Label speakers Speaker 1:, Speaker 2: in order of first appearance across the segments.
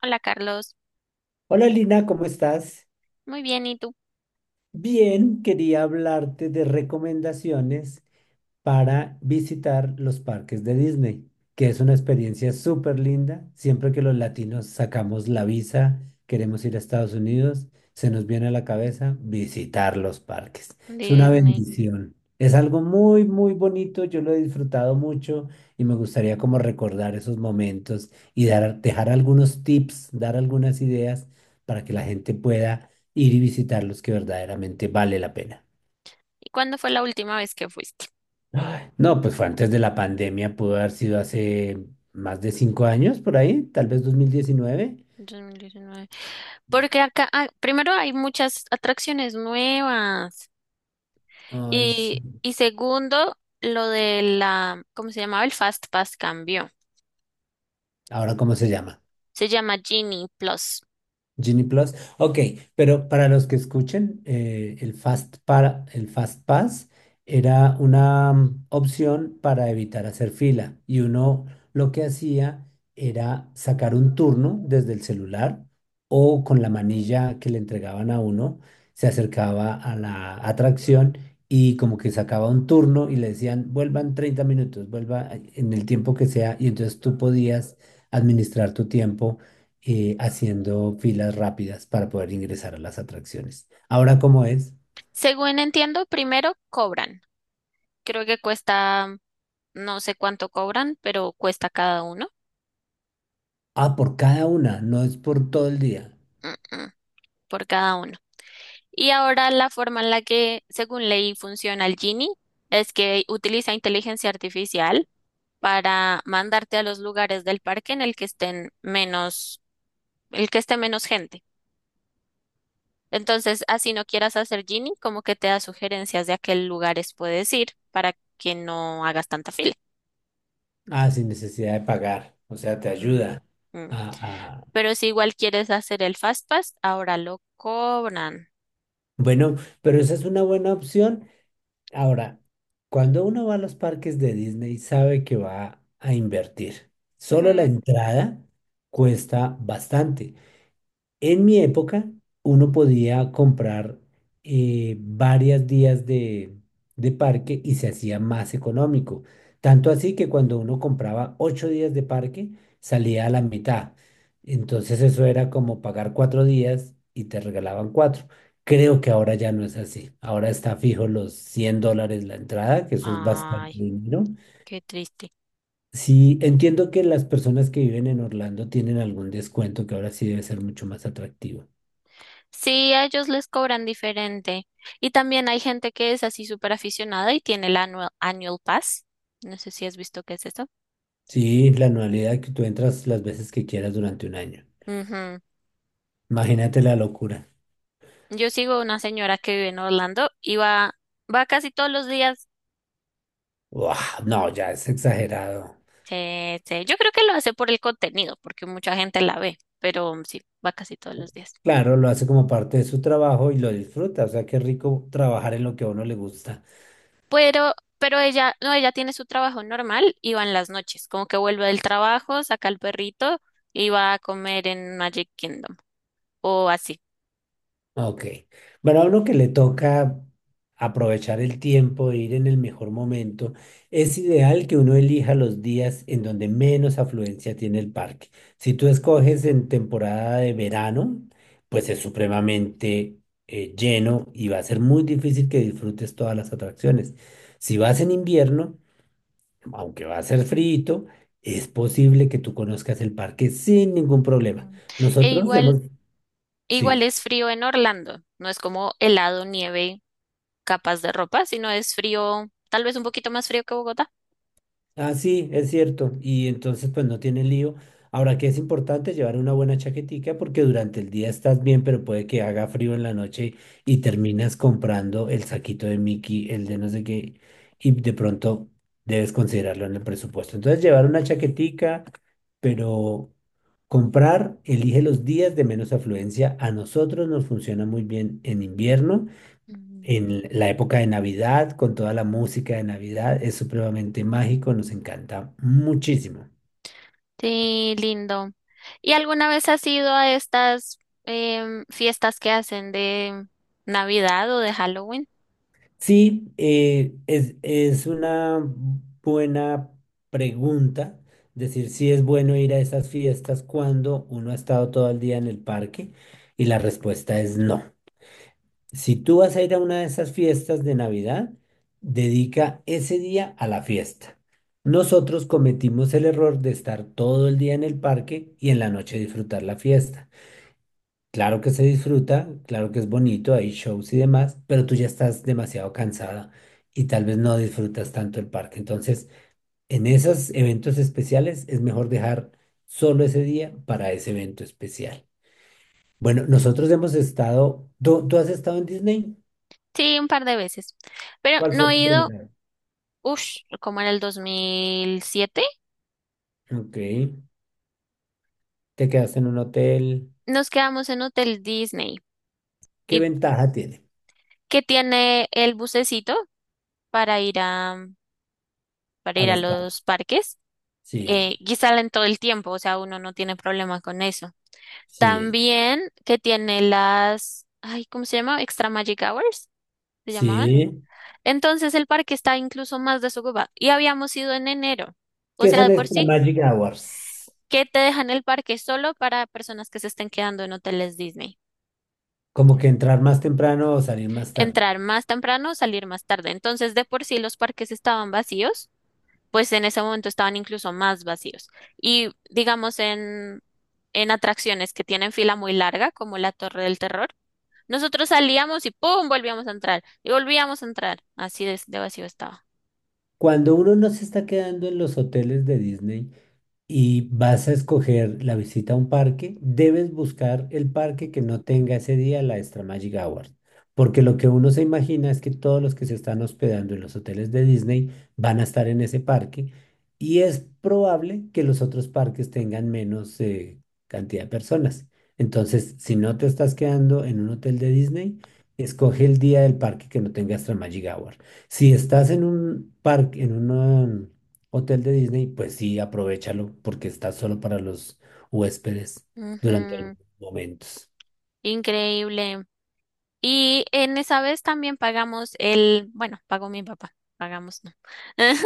Speaker 1: Hola Carlos,
Speaker 2: Hola Lina, ¿cómo estás?
Speaker 1: muy bien, ¿y tú?
Speaker 2: Bien, quería hablarte de recomendaciones para visitar los parques de Disney, que es una experiencia súper linda. Siempre que los latinos sacamos la visa, queremos ir a Estados Unidos, se nos viene a la cabeza visitar los parques. Es una
Speaker 1: Dime,
Speaker 2: bendición. Es algo muy, muy bonito. Yo lo he disfrutado mucho y me gustaría como recordar esos momentos y dejar algunos tips, dar algunas ideas para que la gente pueda ir y visitar los que verdaderamente vale la pena.
Speaker 1: ¿y cuándo fue la última vez que fuiste?
Speaker 2: No, pues fue antes de la pandemia, pudo haber sido hace más de 5 años por ahí, tal vez 2019.
Speaker 1: 2019. Porque acá, ah, primero hay muchas atracciones nuevas
Speaker 2: Ay,
Speaker 1: y,
Speaker 2: sí.
Speaker 1: y segundo, lo de la, ¿cómo se llamaba? El Fast Pass cambió.
Speaker 2: ¿Ahora cómo se llama?
Speaker 1: Se llama Genie Plus.
Speaker 2: Genie Plus. Ok, pero para los que escuchen, el Fast Pass era una opción para evitar hacer fila. Y uno lo que hacía era sacar un turno desde el celular o con la manilla que le entregaban a uno, se acercaba a la atracción y como que sacaba un turno y le decían, vuelvan 30 minutos, vuelva en el tiempo que sea. Y entonces tú podías administrar tu tiempo haciendo filas rápidas para poder ingresar a las atracciones. Ahora, ¿cómo es?
Speaker 1: Según entiendo, primero cobran. Creo que cuesta, no sé cuánto cobran, pero cuesta cada uno.
Speaker 2: Ah, por cada una, no es por todo el día.
Speaker 1: Mm, mm, por cada uno. Y ahora la forma en la que, según ley, funciona el Genie es que utiliza inteligencia artificial para mandarte a los lugares del parque en el que estén menos, el que esté menos gente. Entonces, así no quieras hacer Genie, como que te da sugerencias de a qué lugares puedes ir para que no hagas tanta fila.
Speaker 2: Ah, sin necesidad de pagar. O sea, te
Speaker 1: Mm,
Speaker 2: ayuda
Speaker 1: mm.
Speaker 2: a... a-
Speaker 1: Pero si igual quieres hacer el Fast Pass, ahora lo cobran.
Speaker 2: Bueno, pero esa es una buena opción. Ahora, cuando uno va a los parques de Disney, sabe que va a invertir. Solo la
Speaker 1: Mm.
Speaker 2: entrada cuesta bastante. En mi época, uno podía comprar varias días de parque y se hacía más económico. Tanto así que cuando uno compraba 8 días de parque, salía a la mitad. Entonces eso era como pagar 4 días y te regalaban cuatro. Creo que ahora ya no es así. Ahora está fijo los 100 dólares la entrada, que eso es bastante
Speaker 1: Ay,
Speaker 2: dinero.
Speaker 1: qué triste.
Speaker 2: Sí, entiendo que las personas que viven en Orlando tienen algún descuento que ahora sí debe ser mucho más atractivo.
Speaker 1: Sí, a ellos les cobran diferente. Y también hay gente que es así súper aficionada y tiene el annual pass. No sé si has visto qué es esto.
Speaker 2: Sí, la anualidad que tú entras las veces que quieras durante un año.
Speaker 1: Ujú.
Speaker 2: Imagínate la locura.
Speaker 1: Yo sigo una señora que vive en Orlando y va casi todos los días.
Speaker 2: Uah, no, ya es exagerado.
Speaker 1: Sí, sí. Yo creo que lo hace por el contenido, porque mucha gente la ve, pero sí, va casi todos los días.
Speaker 2: Claro, lo hace como parte de su trabajo y lo disfruta. O sea, qué rico trabajar en lo que a uno le gusta.
Speaker 1: Pero, pero ella, no, ella tiene su trabajo normal y va en las noches, como que vuelve del trabajo, saca al perrito y va a comer en Magic Kingdom o así.
Speaker 2: Ok. Bueno, a uno que le toca aprovechar el tiempo e ir en el mejor momento, es ideal que uno elija los días en donde menos afluencia tiene el parque. Si tú escoges en temporada de verano, pues es supremamente lleno y va a ser muy difícil que disfrutes todas las atracciones. Si vas en invierno, aunque va a ser frío, es posible que tú conozcas el parque sin ningún problema.
Speaker 1: Mm. E
Speaker 2: Nosotros
Speaker 1: igual,
Speaker 2: hemos...
Speaker 1: igual
Speaker 2: Sí.
Speaker 1: es frío en Orlando, no es como helado, nieve, capas de ropa, sino es frío, tal vez un poquito más frío que Bogotá.
Speaker 2: Ah, sí, es cierto. Y entonces, pues no tiene lío. Ahora que es importante llevar una buena chaquetica porque durante el día estás bien, pero puede que haga frío en la noche y terminas comprando el saquito de Mickey, el de no sé qué, y de pronto debes considerarlo en el presupuesto. Entonces, llevar una chaquetica, pero comprar, elige los días de menos afluencia. A nosotros nos funciona muy bien en invierno
Speaker 1: Mm.
Speaker 2: en la época de Navidad, con toda la música de Navidad, es supremamente mágico, nos encanta muchísimo.
Speaker 1: Sí, lindo. ¿Y alguna vez has ido a estas fiestas que hacen de Navidad o de Halloween?
Speaker 2: Sí, es una buena pregunta decir si es bueno ir a esas fiestas cuando uno ha estado todo el día en el parque y la respuesta es no. Si tú vas a ir a una de esas fiestas de Navidad, dedica ese día a la fiesta. Nosotros cometimos el error de estar todo el día en el parque y en la noche disfrutar la fiesta. Claro que se disfruta, claro que es bonito, hay shows y demás, pero tú ya estás demasiado cansada y tal vez no disfrutas tanto el parque. Entonces, en esos eventos especiales es mejor dejar solo ese día para ese evento especial. Bueno, nosotros hemos estado, ¿tú has estado en Disney?
Speaker 1: Sí, un par de veces. Pero
Speaker 2: ¿Cuál fue
Speaker 1: no he
Speaker 2: tu
Speaker 1: ido,
Speaker 2: primera?
Speaker 1: ush, como en el 2007.
Speaker 2: Ok. Te quedaste en un hotel.
Speaker 1: Nos quedamos en Hotel Disney.
Speaker 2: ¿Qué
Speaker 1: ¿Y
Speaker 2: ventaja tiene
Speaker 1: qué tiene el bucecito para para
Speaker 2: a
Speaker 1: ir a
Speaker 2: los padres?
Speaker 1: los parques? Eh,
Speaker 2: Sí,
Speaker 1: y salen todo el tiempo, o sea, uno no tiene problema con eso.
Speaker 2: sí,
Speaker 1: También que tiene las, ay, ¿cómo se llama? Extra Magic Hours, se llamaban.
Speaker 2: sí.
Speaker 1: Entonces el parque está incluso más desocupado y habíamos ido en enero,
Speaker 2: ¿Qué
Speaker 1: o sea,
Speaker 2: son
Speaker 1: de por
Speaker 2: extra
Speaker 1: sí,
Speaker 2: magic hours?
Speaker 1: que te dejan el parque solo para personas que se estén quedando en hoteles Disney.
Speaker 2: Como que entrar más temprano o salir más tarde.
Speaker 1: Entrar más temprano, salir más tarde. Entonces, de por sí los parques estaban vacíos pues en ese momento estaban incluso más vacíos. Y digamos en atracciones que tienen fila muy larga, como la Torre del Terror, nosotros salíamos y ¡pum! Volvíamos a entrar y volvíamos a entrar. Así de vacío estaba.
Speaker 2: Cuando uno no se está quedando en los hoteles de Disney, y vas a escoger la visita a un parque, debes buscar el parque que no tenga ese día la extra Magic Hours. Porque lo que uno se imagina es que todos los que se están hospedando en los hoteles de Disney van a estar en ese parque y es probable que los otros parques tengan menos cantidad de personas. Entonces, si no te estás quedando en un hotel de Disney, escoge el día del parque que no tenga extra Magic Hour. Si estás en un parque, en un hotel de Disney, pues sí, aprovéchalo porque está solo para los huéspedes durante algunos
Speaker 1: Ujú.
Speaker 2: momentos.
Speaker 1: Increíble. Y en esa vez también pagamos el, bueno, pagó mi papá, pagamos no.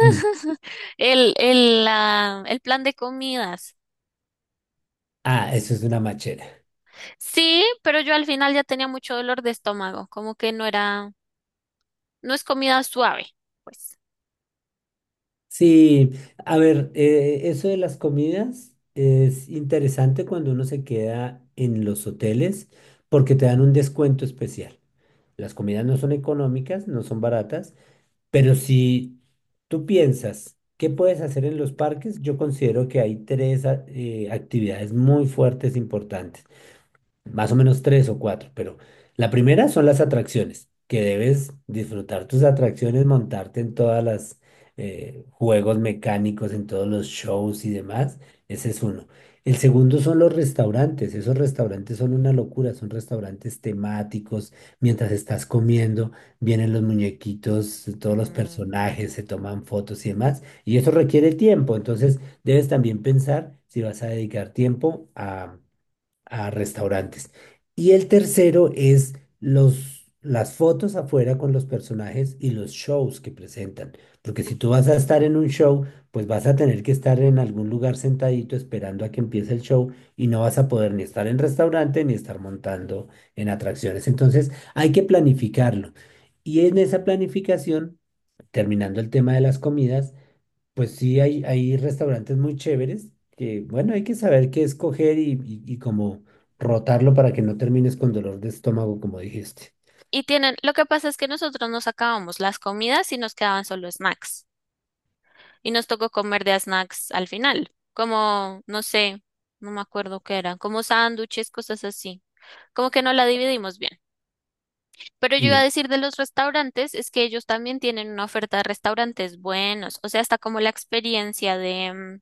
Speaker 2: Mm.
Speaker 1: El plan de comidas.
Speaker 2: Ah, eso es una machera.
Speaker 1: Sí, pero yo al final ya tenía mucho dolor de estómago, como que no es comida suave, pues.
Speaker 2: Sí, a ver, eso de las comidas es interesante cuando uno se queda en los hoteles porque te dan un descuento especial. Las comidas no son económicas, no son baratas, pero si tú piensas qué puedes hacer en los parques, yo considero que hay tres actividades muy fuertes, importantes. Más o menos tres o cuatro, pero la primera son las atracciones, que debes disfrutar tus atracciones, montarte en todas las juegos mecánicos, en todos los shows y demás. Ese es uno. El segundo son los restaurantes. Esos restaurantes son una locura, son restaurantes temáticos. Mientras estás comiendo, vienen los muñequitos, todos los
Speaker 1: Mm.
Speaker 2: personajes, se toman fotos y demás. Y eso requiere tiempo. Entonces, debes también pensar si vas a dedicar tiempo a restaurantes. Y el tercero es las fotos afuera con los personajes y los shows que presentan. Porque si tú vas a estar en un show, pues vas a tener que estar en algún lugar sentadito esperando a que empiece el show y no vas a poder ni estar en restaurante ni estar montando en atracciones. Entonces hay que planificarlo. Y en esa planificación, terminando el tema de las comidas, pues sí, hay restaurantes muy chéveres que, bueno, hay que saber qué escoger y cómo rotarlo para que no termines con dolor de estómago, como dijiste.
Speaker 1: Y tienen, lo que pasa es que nosotros nos acabamos las comidas y nos quedaban solo snacks. Y nos tocó comer de a snacks al final, como, no sé, no me acuerdo qué eran, como sándwiches, cosas así. Como que no la dividimos bien. Pero yo iba a
Speaker 2: Sí,
Speaker 1: decir de los restaurantes, es que ellos también tienen una oferta de restaurantes buenos. O sea, hasta como la experiencia de, mm,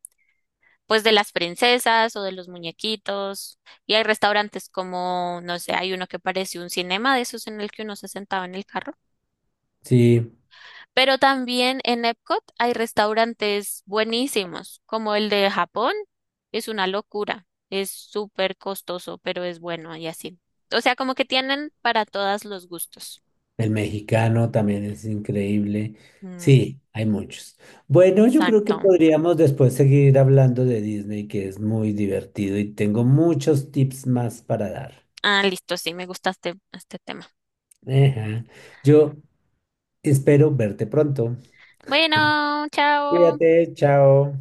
Speaker 1: pues de las princesas o de los muñequitos. Y hay restaurantes como, no sé, hay uno que parece un cinema de esos en el que uno se sentaba en el carro.
Speaker 2: sí,
Speaker 1: Pero también en Epcot hay restaurantes buenísimos, como el de Japón. Es una locura. Es súper costoso, pero es bueno y así. O sea, como que tienen para todos los gustos.
Speaker 2: el mexicano también es increíble.
Speaker 1: Mm,
Speaker 2: Sí, hay muchos. Bueno, yo creo que
Speaker 1: exacto.
Speaker 2: podríamos después seguir hablando de Disney, que es muy divertido y tengo muchos tips más para dar.
Speaker 1: Ah, listo, sí, me gusta este, este tema.
Speaker 2: Ajá. Yo espero verte pronto.
Speaker 1: Bueno, chao.
Speaker 2: Cuídate, chao.